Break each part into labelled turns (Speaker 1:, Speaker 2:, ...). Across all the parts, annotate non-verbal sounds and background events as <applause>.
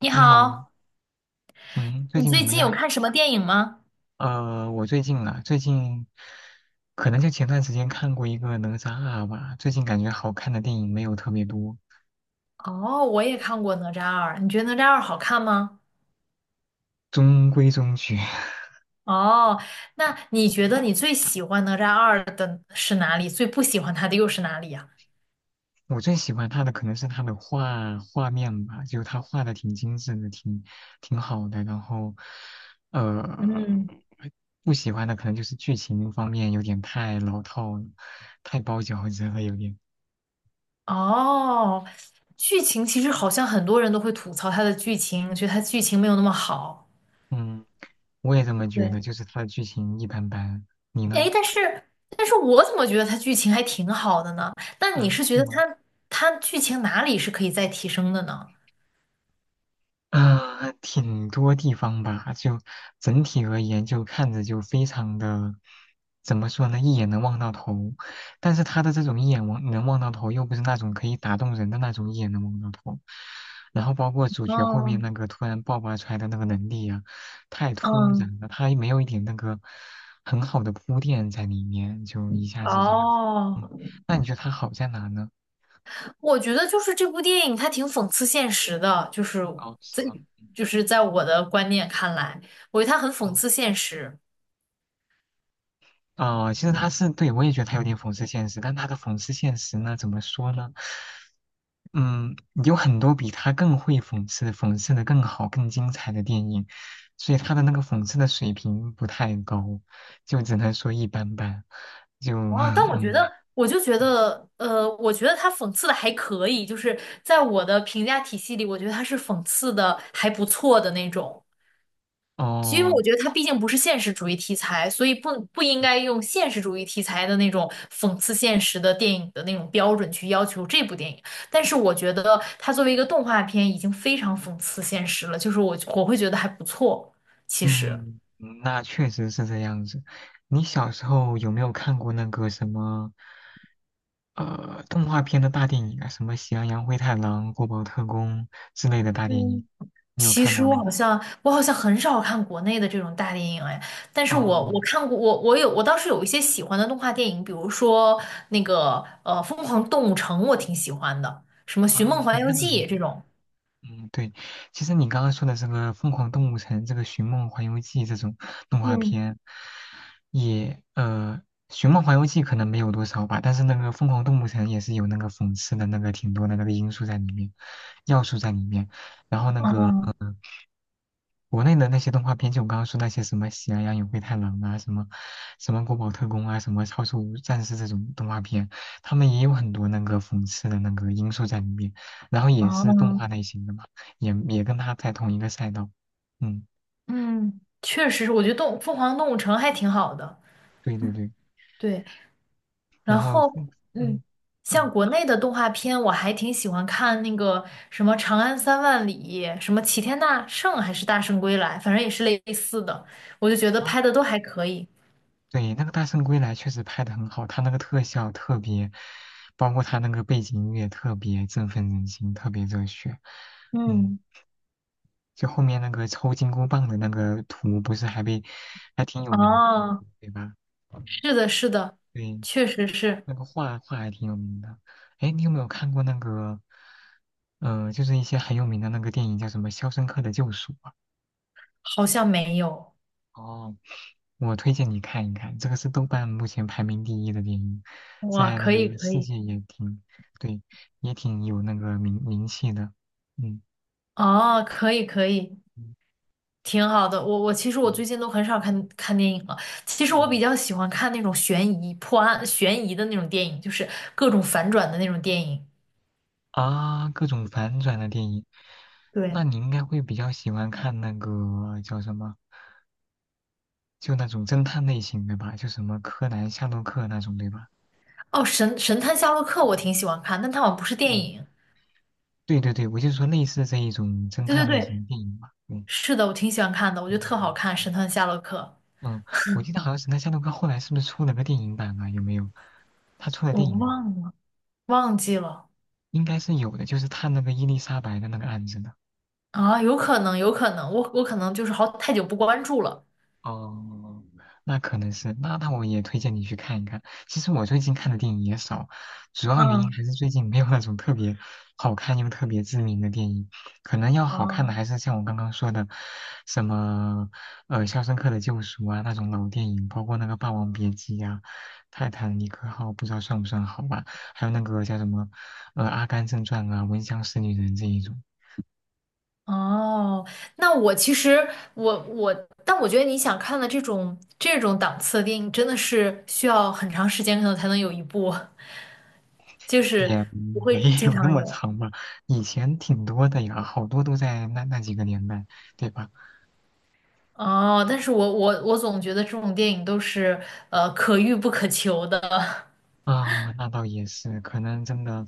Speaker 1: 你
Speaker 2: 你好，
Speaker 1: 好，
Speaker 2: 嗯，最
Speaker 1: 你
Speaker 2: 近怎
Speaker 1: 最
Speaker 2: 么
Speaker 1: 近有
Speaker 2: 样？
Speaker 1: 看什么电影吗？
Speaker 2: 我最近啊，最近可能就前段时间看过一个《哪吒二》吧，最近感觉好看的电影没有特别多，
Speaker 1: 哦，我也看过《哪吒二》，你觉得《哪吒二》好看吗？
Speaker 2: 中规中矩。<laughs>
Speaker 1: 哦，那你觉得你最喜欢《哪吒二》的是哪里？最不喜欢它的又是哪里呀？
Speaker 2: 我最喜欢他的可能是他的画面吧，就他画的挺精致的，挺好的。然后，呃，
Speaker 1: 嗯，
Speaker 2: 不喜欢的可能就是剧情方面有点太老套了，太包饺子了，有点。
Speaker 1: 哦，剧情其实好像很多人都会吐槽它的剧情，觉得它剧情没有那么好。
Speaker 2: 嗯，我也这么觉
Speaker 1: 对，
Speaker 2: 得，就是他的剧情一般般。你
Speaker 1: 哎，
Speaker 2: 呢？
Speaker 1: 但是我怎么觉得它剧情还挺好的呢？那你
Speaker 2: 啊，
Speaker 1: 是觉
Speaker 2: 是
Speaker 1: 得
Speaker 2: 吗？
Speaker 1: 它剧情哪里是可以再提升的呢？
Speaker 2: 啊，挺多地方吧，就整体而言，就看着就非常的，怎么说呢，一眼能望到头。但是他的这种一眼望能望到头，又不是那种可以打动人的那种一眼能望到头。然后包括主角后面那
Speaker 1: 嗯
Speaker 2: 个突然爆发出来的那个能力啊，太突
Speaker 1: 嗯。
Speaker 2: 然了，他也没有一点那个很好的铺垫在里面，就一下子就，
Speaker 1: 哦，
Speaker 2: 嗯，那你觉得他好在哪呢？
Speaker 1: 我觉得就是这部电影它挺讽刺现实的，
Speaker 2: 哦，是
Speaker 1: 在
Speaker 2: 吗？
Speaker 1: 就是在我的观念看来，我觉得它很讽
Speaker 2: 嗯。
Speaker 1: 刺现实。
Speaker 2: 哦，其实他是对我也觉得他有点讽刺现实，但他的讽刺现实呢，怎么说呢？嗯，有很多比他更会讽刺的更好、更精彩的电影，所以他的那个讽刺的水平不太高，就只能说一般般。就
Speaker 1: 哦，但
Speaker 2: <laughs>
Speaker 1: 我觉得
Speaker 2: 嗯，
Speaker 1: 我就觉得，我觉得它讽刺的还可以，就是在我的评价体系里，我觉得它是讽刺的还不错的那种。因为我
Speaker 2: 哦，
Speaker 1: 觉得它毕竟不是现实主义题材，所以不应该用现实主义题材的那种讽刺现实的电影的那种标准去要求这部电影。但是我觉得它作为一个动画片，已经非常讽刺现实了，就是我会觉得还不错。其实，
Speaker 2: 嗯，那确实是这样子。你小时候有没有看过那个什么？动画片的大电影啊，什么《喜羊羊灰太狼》《国宝特工》之类的大电影，你有
Speaker 1: 其
Speaker 2: 看
Speaker 1: 实
Speaker 2: 过
Speaker 1: 我
Speaker 2: 吗？
Speaker 1: 好像我好像很少看国内的这种大电影哎，但是我
Speaker 2: 哦，
Speaker 1: 我看过我有我倒是有一些喜欢的动画电影，比如说那个《疯狂动物城》，我挺喜欢的，什么
Speaker 2: 啊，
Speaker 1: 《寻梦环
Speaker 2: 对，
Speaker 1: 游
Speaker 2: 那个很
Speaker 1: 记》这
Speaker 2: 多。
Speaker 1: 种。
Speaker 2: 嗯，对，其实你刚刚说的这个《疯狂动物城》、这个《寻梦环游记》这种动画
Speaker 1: 嗯，
Speaker 2: 片，也呃，《寻梦环游记》可能没有多少吧，但是那个《疯狂动物城》也是有那个讽刺的那个挺多的那个因素在里面，要素在里面，然后那个。
Speaker 1: 哦
Speaker 2: 呃国内的那些动画片，就我刚刚说那些什么《喜羊羊与灰太狼》啊，什么《国宝特工》啊，什么《超兽战士》这种动画片，他们也有很多那个讽刺的那个因素在里面，然后也是动画
Speaker 1: 嗯
Speaker 2: 类型的嘛，也跟他在同一个赛道。嗯，
Speaker 1: 嗯，确实是，我觉得动凤凰动物城还挺好的，
Speaker 2: 对对对，
Speaker 1: 对。
Speaker 2: 然
Speaker 1: 然
Speaker 2: 后
Speaker 1: 后，
Speaker 2: 嗯
Speaker 1: 嗯，像
Speaker 2: 嗯
Speaker 1: 国内的动画片，我还挺喜欢看那个什么《长安三万里》，什么《齐天大圣》还是《大圣归来》，反正也是类似的，我就觉得
Speaker 2: 啊，
Speaker 1: 拍的都还可以。
Speaker 2: 对，那个《大圣归来》确实拍的很好，他那个特效特别，包括他那个背景音乐特别振奋人心，特别热血。嗯。
Speaker 1: 嗯，
Speaker 2: 就后面那个抽金箍棒的那个图，不是还被还挺有名的，
Speaker 1: 哦，
Speaker 2: 对吧？
Speaker 1: 是的，是的，
Speaker 2: 对，
Speaker 1: 确实是，
Speaker 2: 那个画画还挺有名的。哎，你有没有看过那个？就是一些很有名的那个电影叫什么《肖申克的救赎》啊。
Speaker 1: 好像没有。
Speaker 2: 哦，我推荐你看一看，这个是豆瓣目前排名第一的电影，
Speaker 1: 哇，
Speaker 2: 在那
Speaker 1: 可以，
Speaker 2: 个
Speaker 1: 可
Speaker 2: 世
Speaker 1: 以，
Speaker 2: 界也挺，对，也挺有那个名气的。嗯
Speaker 1: 哦，可以，可以。
Speaker 2: 嗯
Speaker 1: 挺好的，我其实我
Speaker 2: 嗯
Speaker 1: 最近都很少看看电影了。其实我比
Speaker 2: 嗯。
Speaker 1: 较喜欢看那种悬疑、破案、悬疑的那种电影，就是各种反转的那种电影。
Speaker 2: 啊，各种反转的电影，那
Speaker 1: 对，
Speaker 2: 你应该会比较喜欢看那个叫什么，就那种侦探类型的吧，就什么柯南、夏洛克那种，对吧？
Speaker 1: 哦，神探夏洛克我挺喜欢看，但它好像不是电
Speaker 2: 嗯
Speaker 1: 影。
Speaker 2: 对对对，我就说类似这一种侦
Speaker 1: 对对
Speaker 2: 探类型
Speaker 1: 对，
Speaker 2: 的电影吧。嗯
Speaker 1: 是的，我挺喜欢看的，我觉得
Speaker 2: 嗯
Speaker 1: 特好
Speaker 2: 嗯
Speaker 1: 看，《神
Speaker 2: 嗯
Speaker 1: 探夏洛克》。
Speaker 2: 嗯，我记得好像是那夏洛克后来是不是出了个电影版啊？有没有？他出了
Speaker 1: 我
Speaker 2: 电影，
Speaker 1: 忘了，忘记了
Speaker 2: 应该是有的，就是探那个伊丽莎白的那个案子的。
Speaker 1: 啊，有可能，有可能，我可能就是好太久不关注了。
Speaker 2: 哦，那可能是，那那我也推荐你去看一看。其实我最近看的电影也少，主要原因
Speaker 1: 嗯，
Speaker 2: 还是最近没有那种特别好看又特别知名的电影。可能要好
Speaker 1: 啊
Speaker 2: 看的还是像我刚刚说的，什么《肖申克的救赎》啊那种老电影，包括那个《霸王别姬》呀、《泰坦尼克号》，不知道算不算好吧？还有那个叫什么《阿甘正传》啊，《闻香识女人》这一种。
Speaker 1: 哦，那我其实我我，但我觉得你想看的这种档次的电影，真的是需要很长时间可能才能有一部，<laughs> 就是
Speaker 2: 也
Speaker 1: 不
Speaker 2: <laughs> 没
Speaker 1: 会经
Speaker 2: 有那
Speaker 1: 常
Speaker 2: 么
Speaker 1: 有。
Speaker 2: 长吧，以前挺多的呀，好多都在那那几个年代，对吧？
Speaker 1: 哦，但是我总觉得这种电影都是可遇不可求的，
Speaker 2: 啊，那倒也是，可能真的，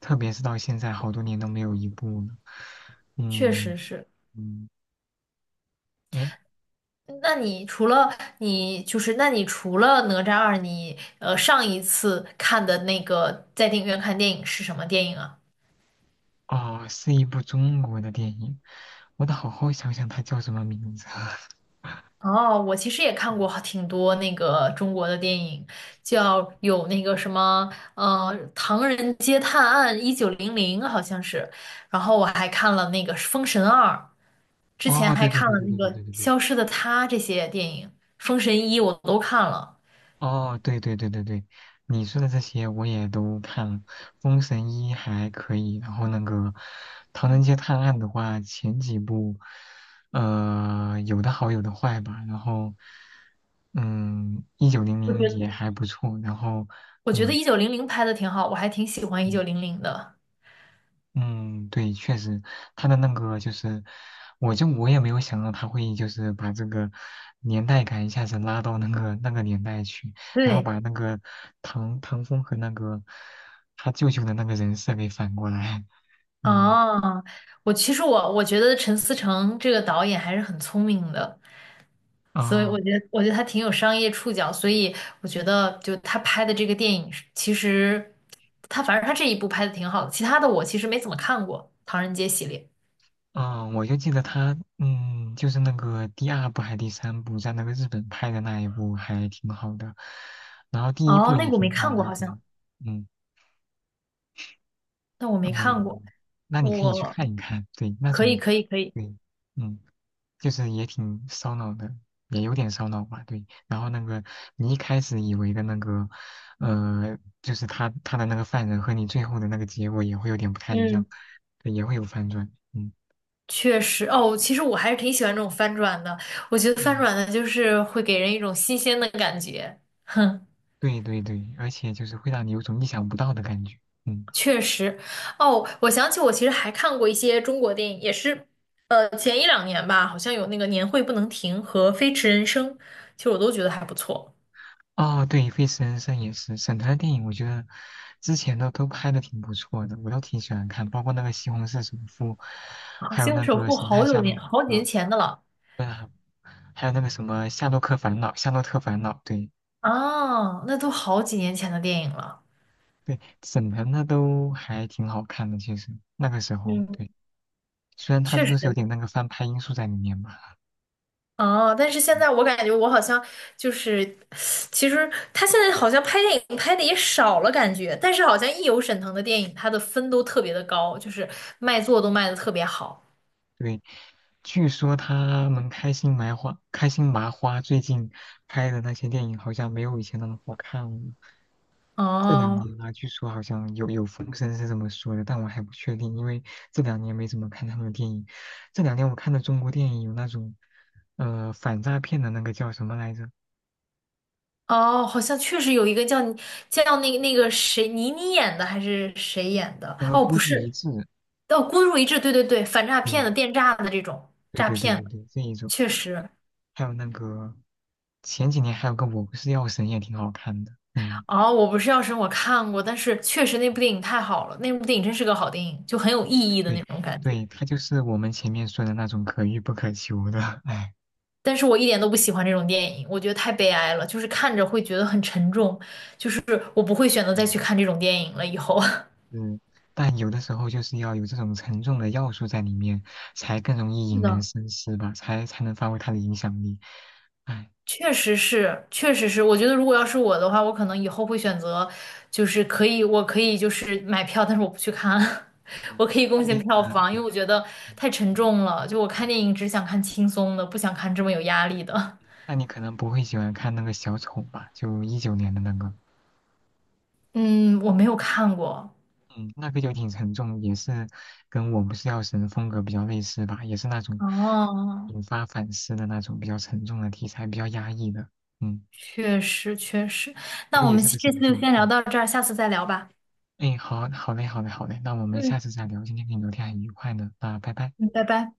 Speaker 2: 特别是到现在，好多年都没有一部了。
Speaker 1: <laughs> 确
Speaker 2: 嗯
Speaker 1: 实是。
Speaker 2: 嗯，哎，
Speaker 1: 那你除了那你除了哪吒二，你上一次看的那个在电影院看电影是什么电影啊？
Speaker 2: 哦，是一部中国的电影，我得好好想想它叫什么名字啊。
Speaker 1: 哦，我其实也看过
Speaker 2: <laughs>
Speaker 1: 挺多那个中国的电影，叫有那个什么，《唐人街探案一九零零》好像是，然后我还看了那个《封神二》，之前
Speaker 2: 哦，
Speaker 1: 还
Speaker 2: 对对
Speaker 1: 看
Speaker 2: 对
Speaker 1: 了
Speaker 2: 对
Speaker 1: 那
Speaker 2: 对对
Speaker 1: 个
Speaker 2: 对对对
Speaker 1: 《消失的她》这些电影，《封神一》我都看了，
Speaker 2: 哦，对对对对对，你说的这些我也都看了，《封神一》还可以，然后那个《唐人街探案》的话，前几部，有的好有的坏吧，然后，嗯，《一九零
Speaker 1: 我
Speaker 2: 零》
Speaker 1: 觉得
Speaker 2: 也还不错，然后，
Speaker 1: 我觉得
Speaker 2: 嗯
Speaker 1: 一九零零拍的挺好，我还挺喜欢一九
Speaker 2: 嗯。
Speaker 1: 零零的。
Speaker 2: 嗯，对，确实，他的那个就是，我也没有想到他会就是把这个年代感一下子拉到那个那个年代去，然后
Speaker 1: 对，
Speaker 2: 把那个唐风和那个他舅舅的那个人设给反过来。嗯，
Speaker 1: 啊，我其实我觉得陈思诚这个导演还是很聪明的。所以
Speaker 2: 啊，
Speaker 1: 我觉得，他挺有商业触角，所以我觉得，就他拍的这个电影是其实他反正他这一部拍的挺好的，其他的我其实没怎么看过《唐人街》系列。
Speaker 2: 哦，我就记得他，嗯，就是那个第二部还是第三部，在那个日本拍的那一部还挺好的，然后第一部
Speaker 1: 哦，那
Speaker 2: 也
Speaker 1: 个我没
Speaker 2: 挺好
Speaker 1: 看过，
Speaker 2: 的，
Speaker 1: 好
Speaker 2: 对，
Speaker 1: 像，
Speaker 2: 嗯。
Speaker 1: 那我没看过，
Speaker 2: 嗯，那你可以去
Speaker 1: 我
Speaker 2: 看一看，对，那
Speaker 1: 可以，
Speaker 2: 种，
Speaker 1: 可以，可以，
Speaker 2: 对，嗯，就是也挺烧脑的，也有点烧脑吧，对。然后那个你一开始以为的那个，就是他的那个犯人和你最后的那个结果也会有点不太一
Speaker 1: 嗯，
Speaker 2: 样，对，也会有反转，嗯，
Speaker 1: 确实，哦，其实我还是挺喜欢这种翻转的，我觉得翻
Speaker 2: 嗯，
Speaker 1: 转的就是会给人一种新鲜的感觉，<laughs> 哼。
Speaker 2: 对对对，而且就是会让你有种意想不到的感觉，嗯。
Speaker 1: 确实，哦，我想起我其实还看过一些中国电影，也是，前一两年吧，好像有那个《年会不能停》和《飞驰人生》，其实我都觉得还不错。
Speaker 2: 哦，对，《费斯人生》也是，沈腾的电影，我觉得之前的都拍的挺不错的，我都挺喜欢看，包括那个《西红柿首富》，
Speaker 1: 好
Speaker 2: 还有
Speaker 1: 像
Speaker 2: 那
Speaker 1: 首
Speaker 2: 个
Speaker 1: 富》
Speaker 2: 《神
Speaker 1: 好
Speaker 2: 探夏
Speaker 1: 久
Speaker 2: 洛
Speaker 1: 年
Speaker 2: 克》，
Speaker 1: 好几年前的了
Speaker 2: 对啊，还有那个什么《夏洛克烦恼》，《夏洛特烦恼》，对
Speaker 1: 啊，那都好几年前的电影了。
Speaker 2: 对，沈腾的都还挺好看的，其实那个时候，
Speaker 1: 嗯，
Speaker 2: 对，虽然他
Speaker 1: 确实
Speaker 2: 都是有点那个翻拍因素在里面吧，
Speaker 1: 哦，但是现
Speaker 2: 嗯
Speaker 1: 在我感觉我好像就是，其实他现在好像拍电影拍的也少了，感觉，但是好像一有沈腾的电影，他的分都特别的高，就是卖座都卖的特别好。
Speaker 2: 对，据说他们开心麻花最近拍的那些电影好像没有以前那么好看了。这两
Speaker 1: 哦，
Speaker 2: 年啊，据说好像有风声是这么说的，但我还不确定，因为这两年没怎么看他们的电影。这两年我看的中国电影有那种，反诈骗的那个叫什么来着？
Speaker 1: 哦，好像确实有一个叫那个谁倪妮演的还是谁演的？
Speaker 2: 那个
Speaker 1: 哦，
Speaker 2: 孤
Speaker 1: 不
Speaker 2: 注
Speaker 1: 是，
Speaker 2: 一掷，
Speaker 1: 哦，孤注一掷，对对对，反诈骗
Speaker 2: 对，
Speaker 1: 的、电诈的这种
Speaker 2: 对
Speaker 1: 诈
Speaker 2: 对对
Speaker 1: 骗
Speaker 2: 对
Speaker 1: 的，
Speaker 2: 对，这一种，
Speaker 1: 确实。
Speaker 2: 还有那个前几年还有个我不是药神也挺好看的，嗯。
Speaker 1: 哦，我不是药神，我看过，但是确实那部电影太好了，那部电影真是个好电影，就很有意义的
Speaker 2: 对
Speaker 1: 那种感觉。
Speaker 2: 对，他就是我们前面说的那种可遇不可求的，<laughs> 哎，
Speaker 1: 但是我一点都不喜欢这种电影，我觉得太悲哀了，就是看着会觉得很沉重，就是我不会选择再去
Speaker 2: 嗯，
Speaker 1: 看这种电影了，以后。<laughs>
Speaker 2: 嗯，但有的时候就是要有这种沉重的要素在里面，才更容易
Speaker 1: 是
Speaker 2: 引人
Speaker 1: 的，
Speaker 2: 深思吧，才能发挥他的影响力。哎，
Speaker 1: 确实是，确实是。我觉得如果要是我的话，我可能以后会选择，就是可以，我可以就是买票，但是我不去看，<laughs>
Speaker 2: 嗯，
Speaker 1: 我可以
Speaker 2: 那
Speaker 1: 贡
Speaker 2: 你
Speaker 1: 献票房，因
Speaker 2: 对，
Speaker 1: 为我觉得
Speaker 2: 嗯
Speaker 1: 太沉
Speaker 2: 嗯
Speaker 1: 重了。就我看
Speaker 2: 嗯
Speaker 1: 电影只想看轻松的，不想看这么有压力的。
Speaker 2: 那你可能不会喜欢看那个小丑吧？就一九年的那个，
Speaker 1: <laughs> 嗯，我没有看过。
Speaker 2: 嗯，那个就挺沉重，也是跟我不是药神风格比较类似吧，也是那种
Speaker 1: 哦，
Speaker 2: 引发反思的那种比较沉重的题材，比较压抑的，嗯。
Speaker 1: 确实确实。
Speaker 2: 不
Speaker 1: 那
Speaker 2: 过
Speaker 1: 我
Speaker 2: 也
Speaker 1: 们
Speaker 2: 是个
Speaker 1: 这次
Speaker 2: 神
Speaker 1: 就
Speaker 2: 助。
Speaker 1: 先聊
Speaker 2: 嗯，
Speaker 1: 到这儿，下次再聊吧。
Speaker 2: 哎，好好嘞，好嘞，好嘞，那我们
Speaker 1: 嗯
Speaker 2: 下次再聊。今天跟你聊天很愉快呢，那拜拜。
Speaker 1: 嗯，拜拜。